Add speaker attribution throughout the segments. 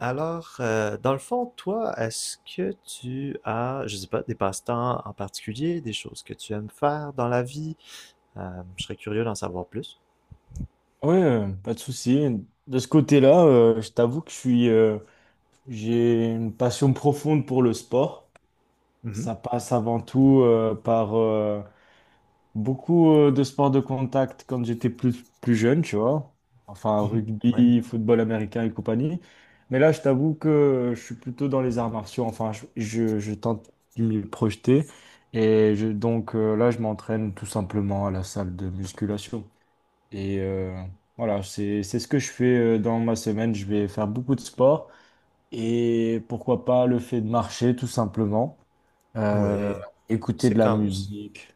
Speaker 1: Dans le fond, toi, est-ce que tu as, je sais pas, des passe-temps en particulier, des choses que tu aimes faire dans la vie? Je serais curieux d'en savoir plus.
Speaker 2: Ouais, pas de souci. De ce côté-là, je t'avoue que j'ai une passion profonde pour le sport.
Speaker 1: Mhm,
Speaker 2: Ça passe avant tout par beaucoup de sports de contact quand j'étais plus jeune, tu vois. Enfin,
Speaker 1: mhm. Ouais,
Speaker 2: rugby, football américain et compagnie. Mais là, je t'avoue que je suis plutôt dans les arts martiaux. Enfin, je tente de m'y projeter. Là, je m'entraîne tout simplement à la salle de musculation. Et euh, voilà, c'est ce que je fais dans ma semaine. Je vais faire beaucoup de sport et pourquoi pas le fait de marcher tout simplement, Euh,
Speaker 1: ouais,
Speaker 2: écouter
Speaker 1: c'est
Speaker 2: de la
Speaker 1: quand même
Speaker 2: musique.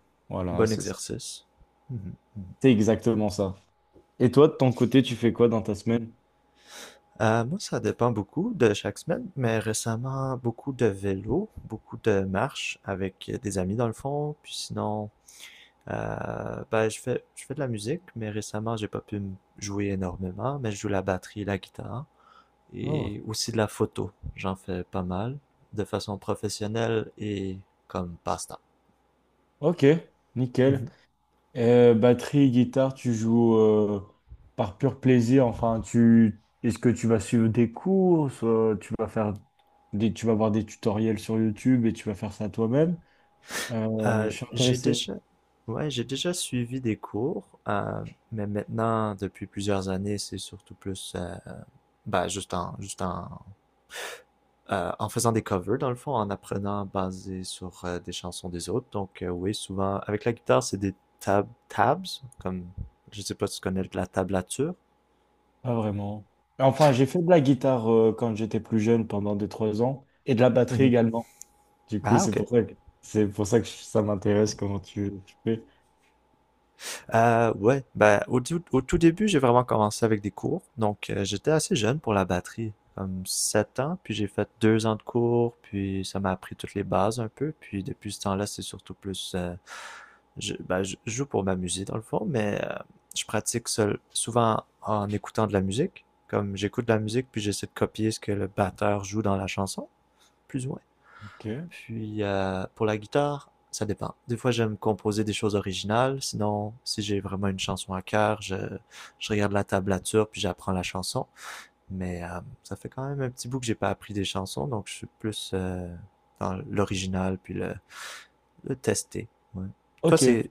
Speaker 1: un
Speaker 2: Voilà,
Speaker 1: bon
Speaker 2: c'est ça.
Speaker 1: exercice. Mhm, mhm.
Speaker 2: C'est exactement ça. Et toi, de ton côté, tu fais quoi dans ta semaine?
Speaker 1: Moi, ça dépend beaucoup de chaque semaine, mais récemment, beaucoup de vélo, beaucoup de marches avec des amis dans le fond, puis sinon, je fais de la musique, mais récemment, j'ai pas pu jouer énormément, mais je joue la batterie, la guitare
Speaker 2: Oh,
Speaker 1: et aussi de la photo. J'en fais pas mal de façon professionnelle et comme passe-temps.
Speaker 2: ok, nickel.
Speaker 1: Mhm.
Speaker 2: Batterie, guitare, tu joues par pur plaisir. Enfin, tu est-ce que tu vas suivre des cours, soit tu vas faire tu vas voir des tutoriels sur YouTube et tu vas faire ça toi-même?
Speaker 1: Euh,
Speaker 2: Je suis
Speaker 1: j'ai
Speaker 2: intéressé,
Speaker 1: déjà, ouais, j'ai déjà suivi des cours, mais maintenant, depuis plusieurs années, c'est surtout plus, ben, juste en en faisant des covers, dans le fond, en apprenant basé sur des chansons des autres. Donc, oui, souvent, avec la guitare, c'est des tabs, comme, je sais pas si tu connais la tablature.
Speaker 2: pas vraiment. Enfin, j'ai fait de la guitare quand j'étais plus jeune, pendant deux trois ans, et de la batterie
Speaker 1: Mhm.
Speaker 2: également. Du coup,
Speaker 1: Ah,
Speaker 2: c'est
Speaker 1: ok.
Speaker 2: pour ça que, c'est pour ça que ça m'intéresse comment tu fais.
Speaker 1: Ouais, ben, au tout début, j'ai vraiment commencé avec des cours. Donc, j'étais assez jeune pour la batterie, comme 7 ans, puis j'ai fait deux ans de cours, puis ça m'a appris toutes les bases un peu. Puis, depuis ce temps-là, c'est surtout plus ben, je joue pour m'amuser dans le fond, mais je pratique seul, souvent en écoutant de la musique. Comme j'écoute de la musique, puis j'essaie de copier ce que le batteur joue dans la chanson, plus ou moins.
Speaker 2: Ok.
Speaker 1: Puis Pour la guitare, ça dépend. Des fois, j'aime composer des choses originales. Sinon, si j'ai vraiment une chanson à cœur, je regarde la tablature puis j'apprends la chanson. Ça fait quand même un petit bout que j'ai pas appris des chansons, donc je suis plus dans l'original puis le tester. Ouais. Toi,
Speaker 2: Ok.
Speaker 1: c'est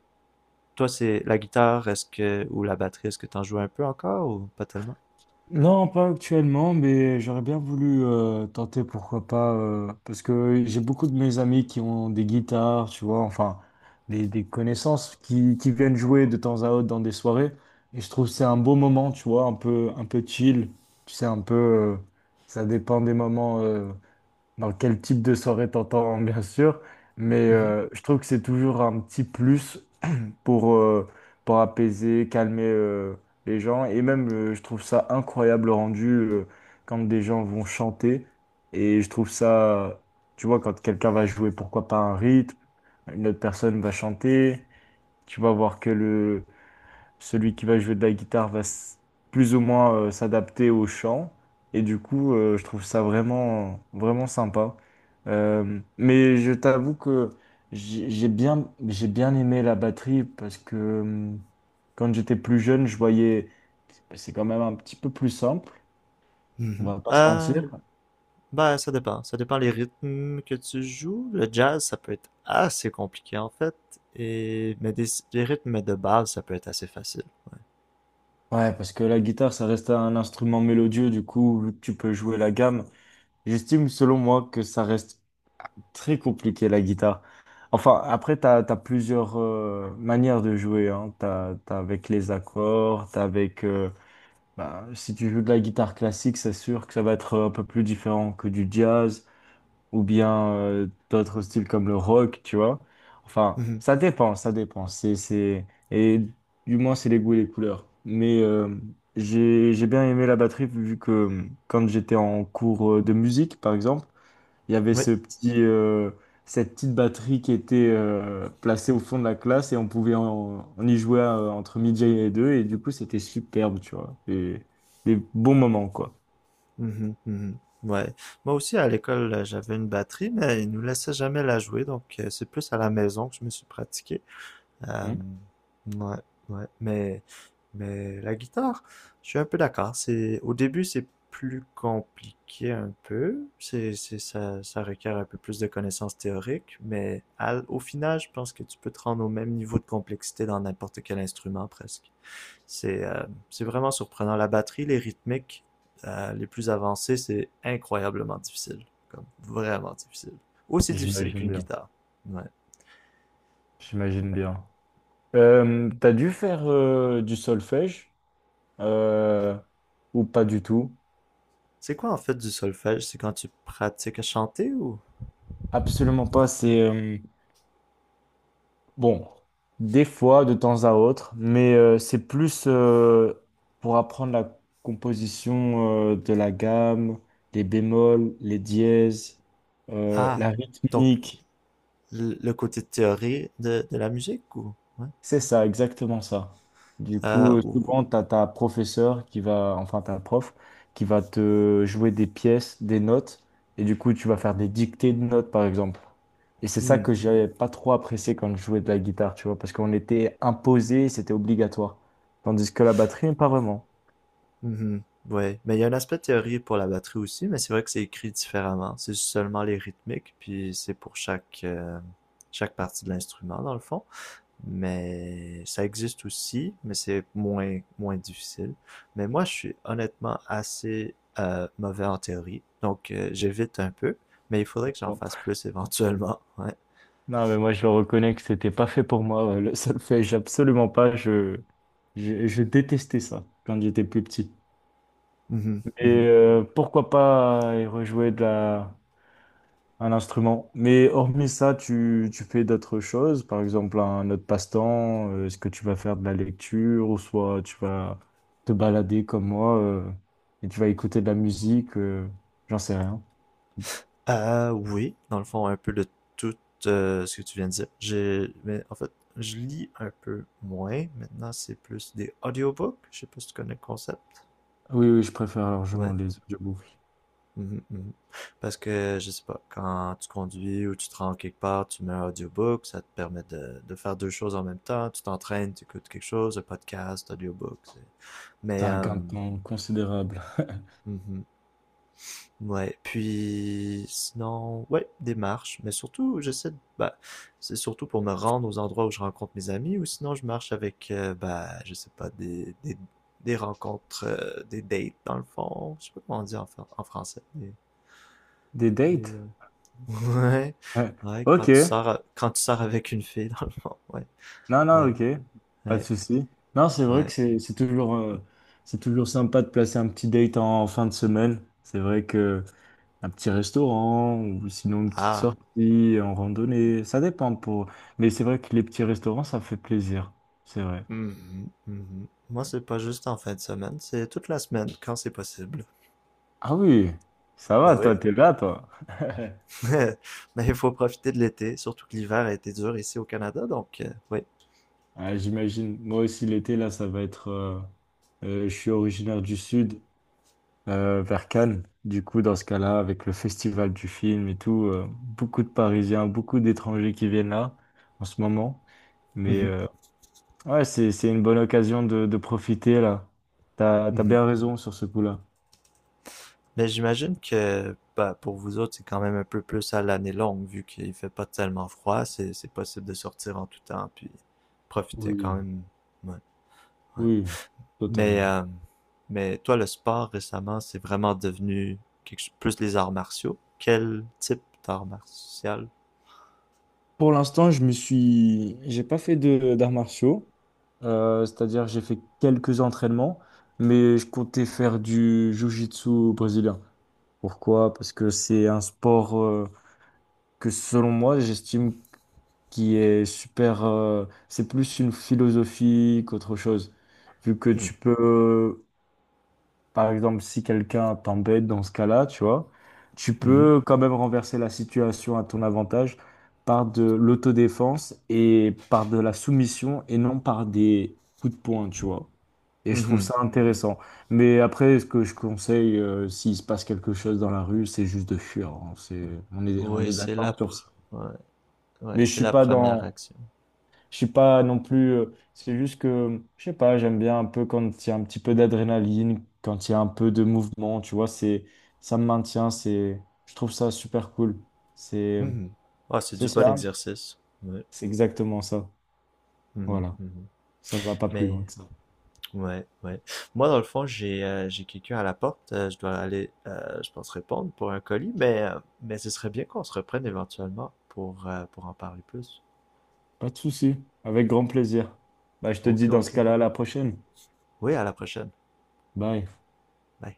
Speaker 1: Toi, c'est la guitare, ou la batterie, est-ce que t'en joues un peu encore ou pas tellement?
Speaker 2: Non, pas actuellement, mais j'aurais bien voulu tenter, pourquoi pas, parce que j'ai beaucoup de mes amis qui ont des guitares, tu vois, enfin, des connaissances qui viennent jouer de temps à autre dans des soirées, et je trouve que c'est un beau moment, tu vois, un peu chill, tu sais, ça dépend des moments, dans quel type de soirée t'entends, bien sûr, mais
Speaker 1: Mhm,
Speaker 2: je trouve que c'est toujours un petit plus pour, euh, pour apaiser, calmer les gens. Et même, je trouve ça incroyable le rendu quand des gens vont chanter. Et je trouve ça, tu vois, quand quelqu'un va jouer, pourquoi pas un rythme, une autre personne va chanter, tu vas voir que celui qui va jouer de la guitare plus ou moins s'adapter au chant. Et du coup, je trouve ça vraiment sympa. Mais je t'avoue que j'ai bien aimé la batterie parce que hum, quand j'étais plus jeune, je voyais, c'est quand même un petit peu plus simple, on
Speaker 1: mhm.
Speaker 2: va pas se mentir.
Speaker 1: Ben, ça dépend. Ça dépend les rythmes que tu joues. Le jazz, ça peut être assez compliqué en fait. Mais les rythmes de base, ça peut être assez facile.
Speaker 2: Ouais, parce que la guitare, ça reste un instrument mélodieux, du coup, tu peux jouer la gamme. J'estime, selon moi, que ça reste très compliqué, la guitare. Enfin, après, tu as plusieurs manières de jouer. Hein. T'as avec les accords, t'as avec... bah, si tu joues de la guitare classique, c'est sûr que ça va être un peu plus différent que du jazz ou bien d'autres styles comme le rock, tu vois. Enfin,
Speaker 1: Mhm.
Speaker 2: ça dépend. Et du moins, c'est les goûts et les couleurs. Mais j'ai bien aimé la batterie vu que quand j'étais en cours de musique, par exemple, il y avait
Speaker 1: Oui.
Speaker 2: cette petite batterie qui était placée au fond de la classe et on y jouer entre midi et deux et du coup c'était superbe, tu vois. Et des bons moments quoi.
Speaker 1: Mhm, mhm. Ouais. Moi aussi, à l'école, j'avais une batterie, mais ils nous laissaient jamais la jouer, donc c'est plus à la maison que je me suis pratiqué. Euh,
Speaker 2: Hmm.
Speaker 1: ouais, ouais. Mais la guitare, je suis un peu d'accord. C'est, au début, c'est plus compliqué un peu. Ça requiert un peu plus de connaissances théoriques. Mais au final, je pense que tu peux te rendre au même niveau de complexité dans n'importe quel instrument presque. C'est, euh, c'est vraiment surprenant. La batterie, les rythmiques, les plus avancées, c'est incroyablement difficile. Comme vraiment difficile. Aussi difficile
Speaker 2: J'imagine
Speaker 1: qu'une
Speaker 2: bien.
Speaker 1: guitare. Ouais.
Speaker 2: J'imagine bien. T'as dû faire du solfège euh, ou pas du tout?
Speaker 1: C'est quoi en fait du solfège? C'est quand tu pratiques à chanter ou...
Speaker 2: Absolument pas. Bon, des fois, de temps à autre, mais c'est plus pour apprendre la composition de la gamme, les bémols, les dièses,
Speaker 1: Ah,
Speaker 2: la
Speaker 1: donc
Speaker 2: rythmique.
Speaker 1: le côté théorie de la musique ou... Ouais.
Speaker 2: C'est ça, exactement ça. Du coup,
Speaker 1: Ou...
Speaker 2: souvent, tu as ta professeur qui va, enfin, ta prof qui va te jouer des pièces, des notes, et du coup, tu vas faire des dictées de notes, par exemple. Et c'est ça
Speaker 1: Hmm,
Speaker 2: que j'avais pas trop apprécié quand je jouais de la guitare, tu vois, parce qu'on était imposé, c'était obligatoire. Tandis que la batterie, pas vraiment.
Speaker 1: mhm, ouais, mais il y a un aspect théorie pour la batterie aussi, mais c'est vrai que c'est écrit différemment. C'est seulement les rythmiques, puis c'est pour chaque, chaque partie de l'instrument dans le fond. Mais ça existe aussi, mais c'est moins, moins difficile. Mais moi, je suis honnêtement assez mauvais en théorie, donc j'évite un peu, mais il faudrait que j'en
Speaker 2: Bon.
Speaker 1: fasse plus éventuellement. Ouais.
Speaker 2: Non, mais moi, je le reconnais que c'était pas fait pour moi. Ouais. Le solfège, absolument pas. Je détestais ça quand j'étais plus petit.
Speaker 1: Mhm,
Speaker 2: Et
Speaker 1: mhm.
Speaker 2: pourquoi pas y rejouer de la. Un instrument. Mais hormis ça, tu fais d'autres choses, par exemple un autre passe-temps, est-ce que tu vas faire de la lecture ou soit tu vas te balader comme moi et tu vas écouter de la musique, j'en sais rien.
Speaker 1: Oui, dans le fond, un peu de tout ce que tu viens de dire. Mais en fait, je lis un peu moins. Maintenant, c'est plus des audiobooks. Je sais pas si tu connais le concept.
Speaker 2: Oui, je préfère largement
Speaker 1: Ouais.
Speaker 2: les audiobooks.
Speaker 1: Mhm, mhm. Parce que, je sais pas, quand tu conduis ou tu te rends quelque part, tu mets un audiobook, ça te permet de faire deux choses en même temps. Tu t'entraînes, tu écoutes quelque chose, un podcast, audiobook. C'est-
Speaker 2: C'est
Speaker 1: Mais,
Speaker 2: un
Speaker 1: euh,
Speaker 2: gain de temps considérable.
Speaker 1: mhm. Ouais. Puis, sinon, ouais, des marches. Mais surtout, j'essaie de, bah, c'est surtout pour me rendre aux endroits où je rencontre mes amis ou sinon je marche avec, bah, je sais pas, des rencontres, des dates dans le fond. Je sais pas comment on dit en français.
Speaker 2: Des
Speaker 1: Des,
Speaker 2: dates?
Speaker 1: euh, Ouais.
Speaker 2: Euh,
Speaker 1: Ouais, quand
Speaker 2: Ok.
Speaker 1: tu sors, quand tu sors avec une fille, dans le fond. Ouais,
Speaker 2: Non,
Speaker 1: ouais,
Speaker 2: ok. Pas de
Speaker 1: ouais,
Speaker 2: souci. Non, c'est vrai que
Speaker 1: ouais.
Speaker 2: c'est toujours, c'est toujours sympa de placer un petit date en, en fin de semaine. C'est vrai que. Un petit restaurant ou sinon une petite
Speaker 1: Ah.
Speaker 2: sortie en randonnée, ça dépend pour. Mais c'est vrai que les petits restaurants, ça fait plaisir. C'est vrai.
Speaker 1: Mhm, mhm. Moi, c'est pas juste en fin de semaine, c'est toute la semaine, quand c'est possible.
Speaker 2: Ah oui, ça va,
Speaker 1: Bah oui.
Speaker 2: toi, t'es là, toi.
Speaker 1: Mais il faut profiter de l'été, surtout que l'hiver a été dur ici au Canada, donc, oui.
Speaker 2: Ah, j'imagine. Moi aussi, l'été, là, ça va être. Je suis originaire du sud, vers Cannes. Du coup, dans ce cas-là, avec le festival du film et tout, beaucoup de Parisiens, beaucoup d'étrangers qui viennent là en ce moment. Mais
Speaker 1: Mhm,
Speaker 2: euh, Ouais, c'est une bonne occasion de profiter là. T'as
Speaker 1: mhm.
Speaker 2: bien raison sur ce coup-là.
Speaker 1: Mais j'imagine que, bah, pour vous autres, c'est quand même un peu plus à l'année longue, vu qu'il fait pas tellement froid, c'est possible de sortir en tout temps, puis profiter quand
Speaker 2: Oui,
Speaker 1: même. Ouais, ouais.
Speaker 2: oui,
Speaker 1: Mais,
Speaker 2: totalement.
Speaker 1: euh, mais toi, le sport récemment, c'est vraiment devenu quelque chose- plus les arts martiaux. Quel type d'art martial?
Speaker 2: Pour l'instant, j'ai pas fait de d'arts martiaux. C'est-à-dire, j'ai fait quelques entraînements, mais je comptais faire du jiu-jitsu brésilien. Pourquoi? Parce que c'est un sport que, selon moi, j'estime qui est super. C'est plus une philosophie qu'autre chose, vu que
Speaker 1: Hmm.
Speaker 2: tu peux. Par exemple, si quelqu'un t'embête dans ce cas-là, tu vois, tu
Speaker 1: Mhm.
Speaker 2: peux quand même renverser la situation à ton avantage par de l'autodéfense et par de la soumission et non par des coups de poing, tu vois. Et je trouve
Speaker 1: Mhm.
Speaker 2: ça intéressant. Mais après, ce que je conseille, s'il se passe quelque chose dans la rue, c'est juste de fuir. Hein. C'est, on
Speaker 1: Oui,
Speaker 2: est d'accord sur ça.
Speaker 1: ouais, ouais,
Speaker 2: Mais je
Speaker 1: c'est
Speaker 2: suis
Speaker 1: la
Speaker 2: pas. Ouais.
Speaker 1: première action.
Speaker 2: Je suis pas non plus. C'est juste que, je sais pas, j'aime bien un peu quand il y a un petit peu d'adrénaline, quand il y a un peu de mouvement, tu vois, c'est, ça me maintient, c'est, je trouve ça super cool. C'est,
Speaker 1: Mhm. Ah, c'est
Speaker 2: c'est
Speaker 1: du bon
Speaker 2: ça.
Speaker 1: exercice. Ouais.
Speaker 2: C'est exactement ça.
Speaker 1: Mhm,
Speaker 2: Voilà.
Speaker 1: mhm.
Speaker 2: Ça va pas plus
Speaker 1: Mais,
Speaker 2: loin que ça.
Speaker 1: ouais, ouais. Moi, dans le fond, j'ai quelqu'un à la porte. Je dois aller, je pense, répondre pour un colis, mais ce serait bien qu'on se reprenne éventuellement pour en parler plus.
Speaker 2: Pas de souci. Avec grand plaisir. Bah, je te
Speaker 1: Ok,
Speaker 2: dis dans
Speaker 1: ok.
Speaker 2: ce cas-là, à la prochaine.
Speaker 1: Oui, à la prochaine.
Speaker 2: Bye.
Speaker 1: Bye.